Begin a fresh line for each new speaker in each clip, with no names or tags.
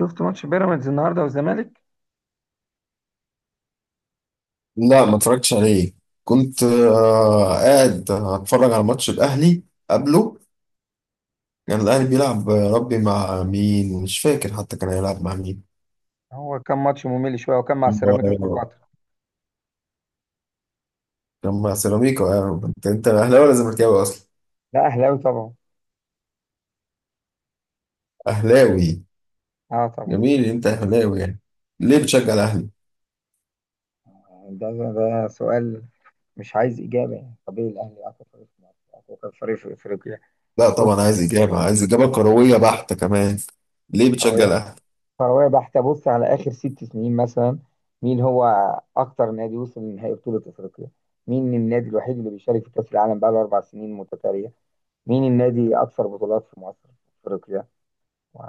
شفت ماتش بيراميدز النهارده والزمالك؟
لا ما اتفرجتش عليه. كنت قاعد اتفرج على ماتش الاهلي قبله. كان الاهلي بيلعب، ربي مع مين مش فاكر، حتى كان هيلعب مع مين.
هو كان ماتش ممل شويه وكان مع سيراميكا
آه،
كليوباترا.
كان مع سيراميكا، انت اهلاوي ولا زملكاوي اصلا؟
لا، اهلاوي طبعا.
اهلاوي.
اه طبعا.
جميل، انت اهلاوي يعني. ليه بتشجع الاهلي؟
ده ده سؤال. مش عايز اجابه، يعني طبيعي الاهلي اقوى فريق في مصر، اقوى فريق في افريقيا.
لا
بص.
طبعا عايز اجابه، عايز اجابه كرويه بحته كمان. ليه بتشجع
كرويه.
الاهلي؟
كرويه بحته، بص على اخر 6 سنين مثلا. مين هو اكتر نادي وصل لنهائي بطوله افريقيا؟ مين النادي الوحيد اللي بيشارك في كاس العالم بقاله 4 سنين متتاليه؟ مين النادي اكثر بطولات في مصر، في افريقيا؟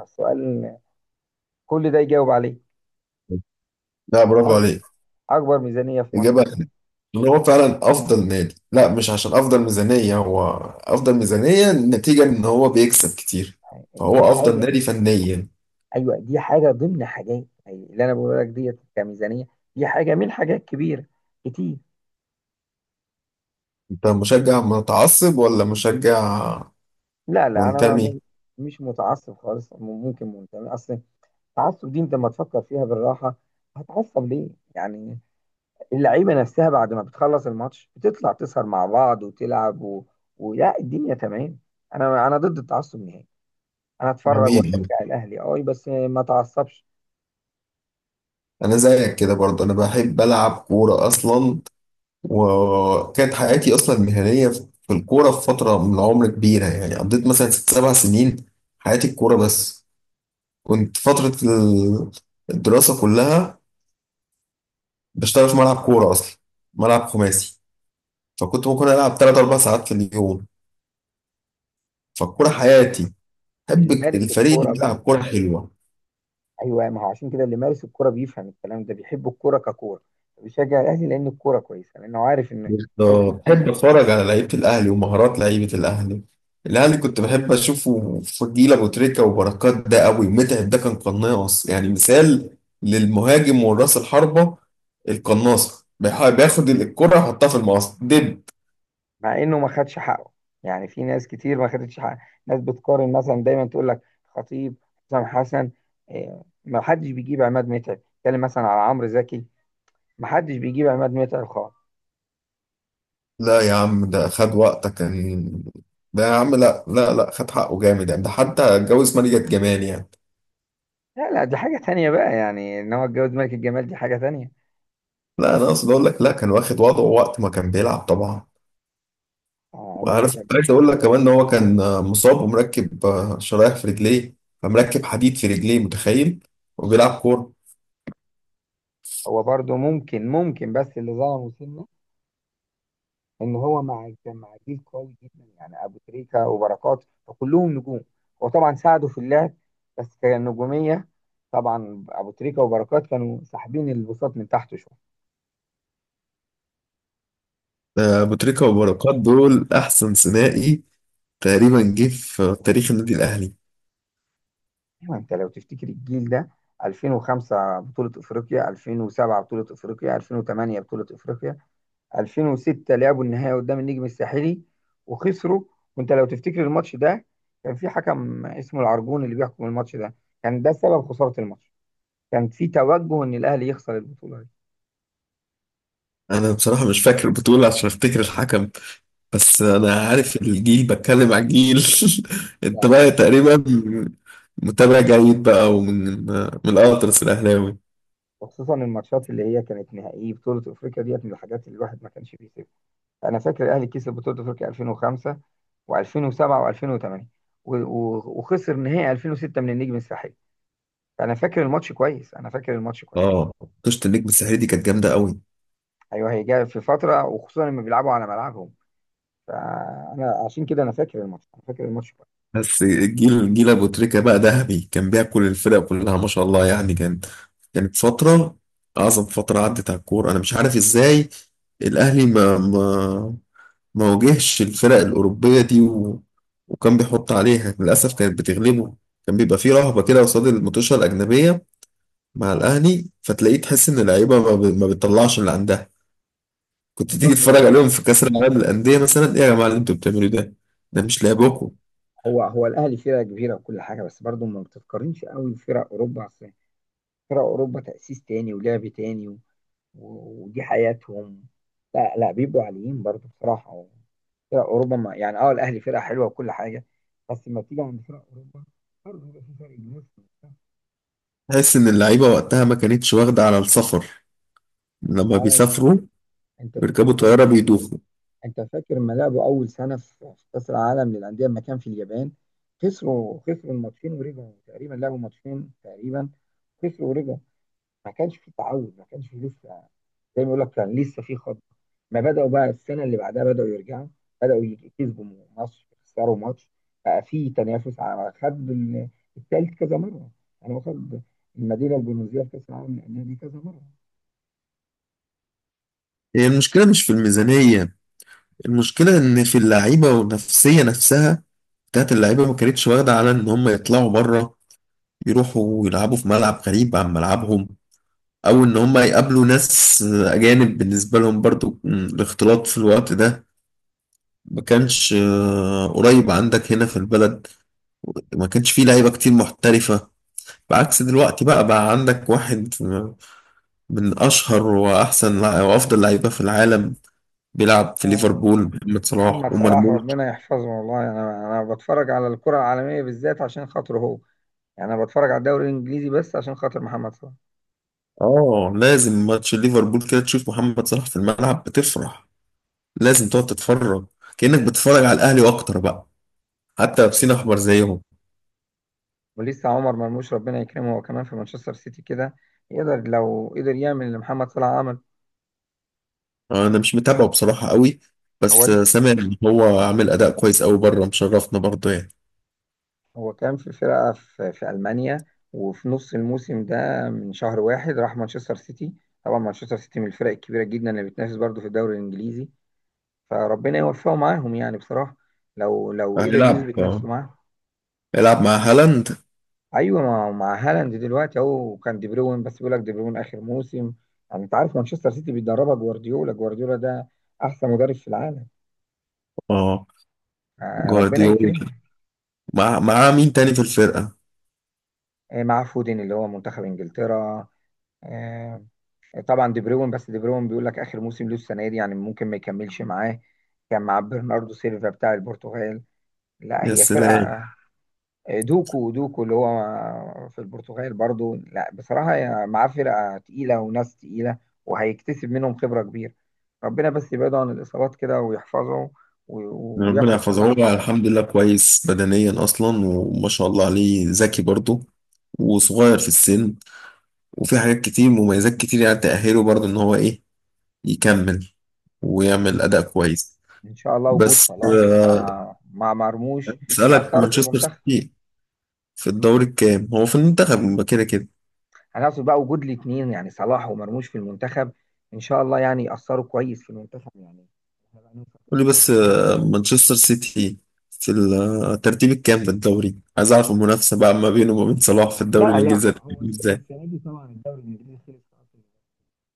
السؤال، كل ده يجاوب عليه.
لا، برافو
أك-
عليك.
اكبر ميزانيه في مصر.
إجابة ان هو فعلا افضل نادي، لا مش عشان افضل ميزانية هو. افضل ميزانية نتيجة ان هو بيكسب كتير،
دي
فهو افضل
حاجة.
نادي فنيا.
أيوة، دي حاجة ضمن حاجات، يعني اللي أنا بقول لك ديت كميزانية. دي حاجة من حاجات كبيرة كتير.
انت مشجع متعصب ولا مشجع
لا لا، أنا
منتمي؟
مش متعصب خالص. ممكن منتمي أصلا. التعصب دي أنت لما تفكر فيها بالراحة، هتعصب ليه؟ يعني اللعيبة نفسها بعد ما بتخلص الماتش بتطلع تسهر مع بعض وتلعب، و... ولا الدنيا تمام. أنا ضد التعصب نهائي. أنا أتفرج وأشجع
جميل.
الأهلي، أه، بس ما أتعصبش.
انا زيك كده برضه، انا بحب العب كورة اصلا، وكانت حياتي اصلا مهنية في الكورة في فترة من العمر كبيرة. يعني قضيت مثلا ست سبع سنين حياتي الكورة بس. كنت فترة الدراسة كلها بشتغل في ملعب كورة أصلا، ملعب خماسي. فكنت ممكن ألعب تلات أربع ساعات في اليوم، فالكورة
اللي
حياتي. بحب
اللي مارس
الفريق اللي
الكورة
بيلعب
بقى.
كورة حلوة.
ايوه، ما هو عشان كده اللي مارس الكوره بيفهم الكلام ده، بيحب الكوره ككوره، بيشجع الاهلي لان الكوره كويسه، لانه عارف ان الناس دي
بالظبط. بحب
بتبذل
أتفرج
مجهود.
على لعيبة الأهلي ومهارات لعيبة الأهلي. الأهلي كنت بحب أشوفه فضيل أبو تريكة وبركات، ده قوي. متعب ده كان قناص، يعني مثال للمهاجم والراس الحربة، القناصة، بياخد الكرة يحطها في المقص دب.
مع انه ما خدش حقه، يعني في ناس كتير ما خدتش حقه. ناس بتقارن مثلا، دايما تقول لك خطيب، حسام حسن، ما حدش بيجيب عماد متعب. اتكلم مثلا على عمرو زكي، ما حدش بيجيب عماد متعب خالص.
لا يا عم ده خد وقتك كان، ده يا عم لا خد حقه جامد يعني، ده حتى اتجوز مالية جمال يعني.
لا لا، دي حاجه تانية بقى، يعني ان هو اتجوز ملك الجمال دي حاجه تانية.
لا انا اقصد اقول لك، لا كان واخد وضعه وقت ما كان بيلعب طبعا.
عماد
وعارف
متعب.
عايز اقول لك كمان ان هو كان مصاب ومركب شرايح في رجليه، فمركب حديد في رجليه، متخيل؟ وبيلعب كورة.
هو برضه ممكن بس اللي ظلمه سنه، ان هو كان مع جيل قوي جدا، يعني ابو تريكه وبركات فكلهم نجوم، هو طبعا ساعدوا في اللعب بس كنجوميه. طبعا ابو تريكه وبركات كانوا ساحبين البساط من تحت شويه.
أبو تريكة وبركات دول احسن ثنائي تقريبا جه في تاريخ النادي الاهلي.
ايوه، انت لو تفتكر الجيل ده: 2005 بطولة أفريقيا، 2007 بطولة أفريقيا، 2008 بطولة أفريقيا، 2006 لعبوا النهائي قدام النجم الساحلي وخسروا. وأنت لو تفتكر الماتش ده، كان في حكم اسمه العرجون اللي بيحكم الماتش ده، كان ده سبب خسارة الماتش، كان في توجه ان الاهلي يخسر البطوله دي.
انا بصراحة مش فاكر البطولة عشان افتكر الحكم، بس انا عارف الجيل، بتكلم على الجيل.
لا
انت
لا،
بقى تقريبا متابع جيد بقى ومن الاطرس الاهلاوي.
وخصوصا الماتشات اللي هي كانت نهائيه بطوله افريقيا ديت من الحاجات اللي الواحد ما كانش بيسيبها. انا فاكر الاهلي كسب بطوله افريقيا 2005 و2007 و2008، وخسر نهائي 2006 من النجم الساحلي، فانا فاكر الماتش كويس، انا فاكر الماتش كويس.
اه، قشطة. النجم الساحلي دي كانت جامده قوي.
ايوه، هي جايه في فتره، وخصوصا لما بيلعبوا على ملعبهم، فانا عشان كده انا فاكر الماتش، انا فاكر الماتش كويس.
بس الجيل جيل ابو تريكه بقى ذهبي، كان بياكل الفرق كلها ما شاء الله، يعني كان، كانت فتره اعظم فتره عدت على الكوره. انا مش عارف ازاي الاهلي ما واجهش الفرق الأوروبية دي، وكان بيحط عليها، للأسف كانت بتغلبه. كان بيبقى فيه رهبة كده قصاد الماتشات الأجنبية مع الأهلي، فتلاقيه تحس إن اللعيبة ما بتطلعش اللي عندها. كنت تيجي
برضه،
تتفرج عليهم في كأس العالم للأندية مثلا، إيه يا جماعة اللي أنتوا بتعملوه ده؟ ده مش لعبكم.
هو الاهلي فرقه كبيره وكل حاجه، بس برضه ما بتتقارنش قوي بفرق اوروبا. أصل فرق أوروبا تأسيس تاني ولعب تاني، و... ودي حياتهم. لا لا، بيبقوا عاليين برضو بصراحة. فرق أوروبا، ما يعني أه الأهلي فرقة حلوة وكل حاجة، بس لما بتيجي عند فرق أوروبا برضه بيبقى في فرق جنيه.
تحس إن اللعيبة وقتها ما كانتش واخدة على السفر، لما
آه،
بيسافروا
أنت
ويركبوا
تفتكر،
طيارة بيدوخوا.
أنت فاكر لما لعبوا أول سنة في كأس العالم للأندية لما كان في اليابان؟ خسروا، خسروا الماتشين ورجعوا، تقريبا لعبوا ماتشين تقريبا، خسروا ورجعوا. ما كانش في تعود، ما كانش في لسه، زي ما يقول لك كان لسه في خط. ما بدأوا بقى السنة اللي بعدها بدأوا يرجعوا، بدأوا يكسبوا ماتش، يخسروا ماتش. بقى في تنافس على خد التالت كذا مرة، يعني هو خد المدينة البونوزية في كأس العالم للأندية دي كذا مرة.
هي المشكلة مش في الميزانية، المشكلة إن في اللعيبة والنفسية نفسها بتاعت اللعيبة ما كانتش واخدة على إن هم يطلعوا بره، يروحوا يلعبوا في ملعب غريب عن ملعبهم، او ان هم يقابلوا ناس اجانب بالنسبة لهم برضو. الاختلاط في الوقت ده ما كانش قريب عندك هنا في البلد، ما كانش فيه لعيبة كتير محترفة، بعكس دلوقتي. بقى عندك واحد من اشهر واحسن وافضل لعيبة في العالم بيلعب في
اه،
ليفربول، محمد صلاح
محمد صلاح
ومرموش.
ربنا يحفظه، والله انا بتفرج على الكرة العالمية بالذات عشان خاطره هو، يعني انا بتفرج على الدوري الانجليزي بس عشان خاطر محمد صلاح.
اه لازم، ماتش ليفربول كده تشوف محمد صلاح في الملعب بتفرح، لازم تقعد تتفرج، كأنك بتتفرج على الاهلي واكتر بقى، حتى لابسين احمر زيهم.
ولسه عمر مرموش ربنا يكرمه، هو كمان في مانشستر سيتي كده، يقدر لو قدر يعمل اللي محمد صلاح عمل.
انا مش متابعه بصراحه قوي،
هو
بس
لسه،
سامع ان هو عامل اداء كويس قوي بره، مشرفنا برضه يعني.
هو كان في فرقة في ألمانيا، وفي نص الموسم ده من شهر واحد راح مانشستر سيتي. طبعا مانشستر سيتي من الفرق الكبيرة جدا اللي بتنافس برضه في الدوري الإنجليزي، فربنا يوفقه معاهم يعني بصراحة، لو قدر
هيلعب،
يثبت نفسه معاهم.
هيلعب مع هالاند.
أيوة، مع هالاند دلوقتي أهو. كان دي بروين، بس بيقول لك دي بروين آخر موسم، يعني أنت عارف مانشستر سيتي بيدربها جوارديولا، جوارديولا ده أحسن مدرب في العالم.
اه.
ربنا
جوارديولا
يكرمه.
مع مع مين تاني في الفرقه؟
مع فودين اللي هو منتخب إنجلترا. آه، طبعا دي بروين، بس دي بروين بيقول لك اخر موسم له السنه دي، يعني ممكن ما يكملش معاه. كان مع برناردو سيلفا بتاع البرتغال. لا
يا
هي
سلام.
فرقه. دوكو، دوكو اللي هو في البرتغال برضو. لا بصراحه هي معاه فرقه تقيله وناس تقيله، وهيكتسب منهم خبره كبيره. ربنا بس يبعده عن الاصابات كده ويحفظه،
ربنا
وياخد
يحفظه،
صلاح
هو
مثلا.
الحمد لله كويس بدنيا اصلا وما شاء الله عليه، ذكي برضه وصغير في السن، وفي حاجات كتير، مميزات كتير يعني تأهله برضه ان هو ايه، يكمل ويعمل اداء كويس.
ان شاء الله وجود
بس
صلاح
آه،
مع مرموش
اسألك،
هيأثروا في
مانشستر
المنتخب.
سيتي في الدوري الكام؟ هو في المنتخب ما كده كده.
هنقصد بقى وجود الاثنين، يعني صلاح ومرموش في المنتخب، ان شاء الله يعني يأثروا كويس في المنتخب يعني. إحنا بقى نوصل.
قول لي بس مانشستر سيتي في الترتيب الكام في الدوري؟ عايز اعرف المنافسة بقى ما بينه وما بين صلاح في الدوري
لا لا،
الانجليزي
هو
هتكون ازاي.
السنه دي طبعا الدوري الانجليزي خلص خلاص.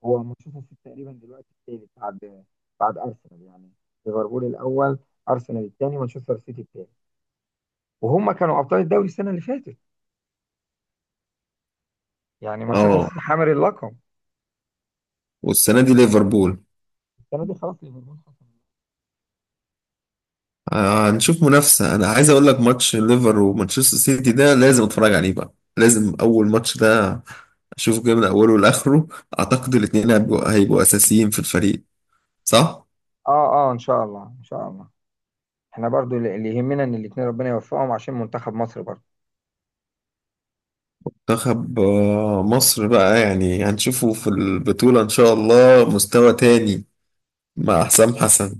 هو مانشستر سيتي تقريبا دلوقتي الثالث، بعد بعد ارسنال، يعني ليفربول الاول، ارسنال الثاني، مانشستر سيتي الثالث، وهم كانوا ابطال الدوري السنه اللي فاتت، يعني مانشستر
اه،
سيتي حامل اللقب.
والسنة دي ليفربول.
السنه دي خلاص ليفربول خسر.
هنشوف منافسة. انا عايز اقول لك ماتش ليفر ومانشستر سيتي ده لازم اتفرج عليه بقى، لازم اول ماتش ده اشوفه كده من اوله لاخره. اعتقد الاتنين هيبقوا اساسيين في الفريق، صح؟
اه اه، ان شاء الله ان شاء الله. احنا برضو اللي يهمنا ان الاثنين ربنا يوفقهم عشان منتخب مصر برضو.
منتخب مصر بقى يعني هنشوفه في البطولة إن شاء الله مستوى تاني مع حسام حسن.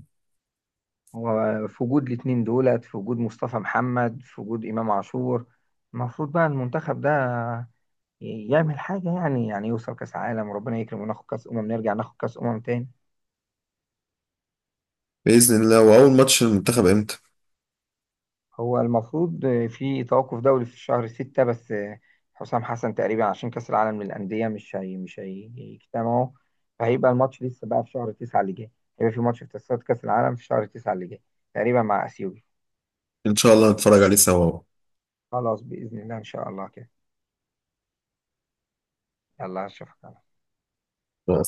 هو في وجود الاتنين دولت، في وجود مصطفى محمد، في وجود إمام عاشور، المفروض بقى المنتخب ده يعمل حاجة، يعني يوصل كأس عالم، وربنا يكرم وناخد كأس أمم، نرجع ناخد كأس أمم تاني.
بإذن الله. وأول ماتش المنتخب إمتى؟
هو المفروض في توقف دولي في شهر 6 بس، حسام حسن تقريبا عشان كأس العالم للأندية مش هي مش هيجتمعوا، فهيبقى الماتش لسه بقى في شهر 9 اللي جاي. هيبقى في ماتش في تصفيات كأس العالم في شهر 9 اللي جاي، تقريبا مع أثيوبيا.
إن شاء الله نتفرج عليه سوا
خلاص بإذن الله، إن شاء الله كده. يلا أشوفك.
مع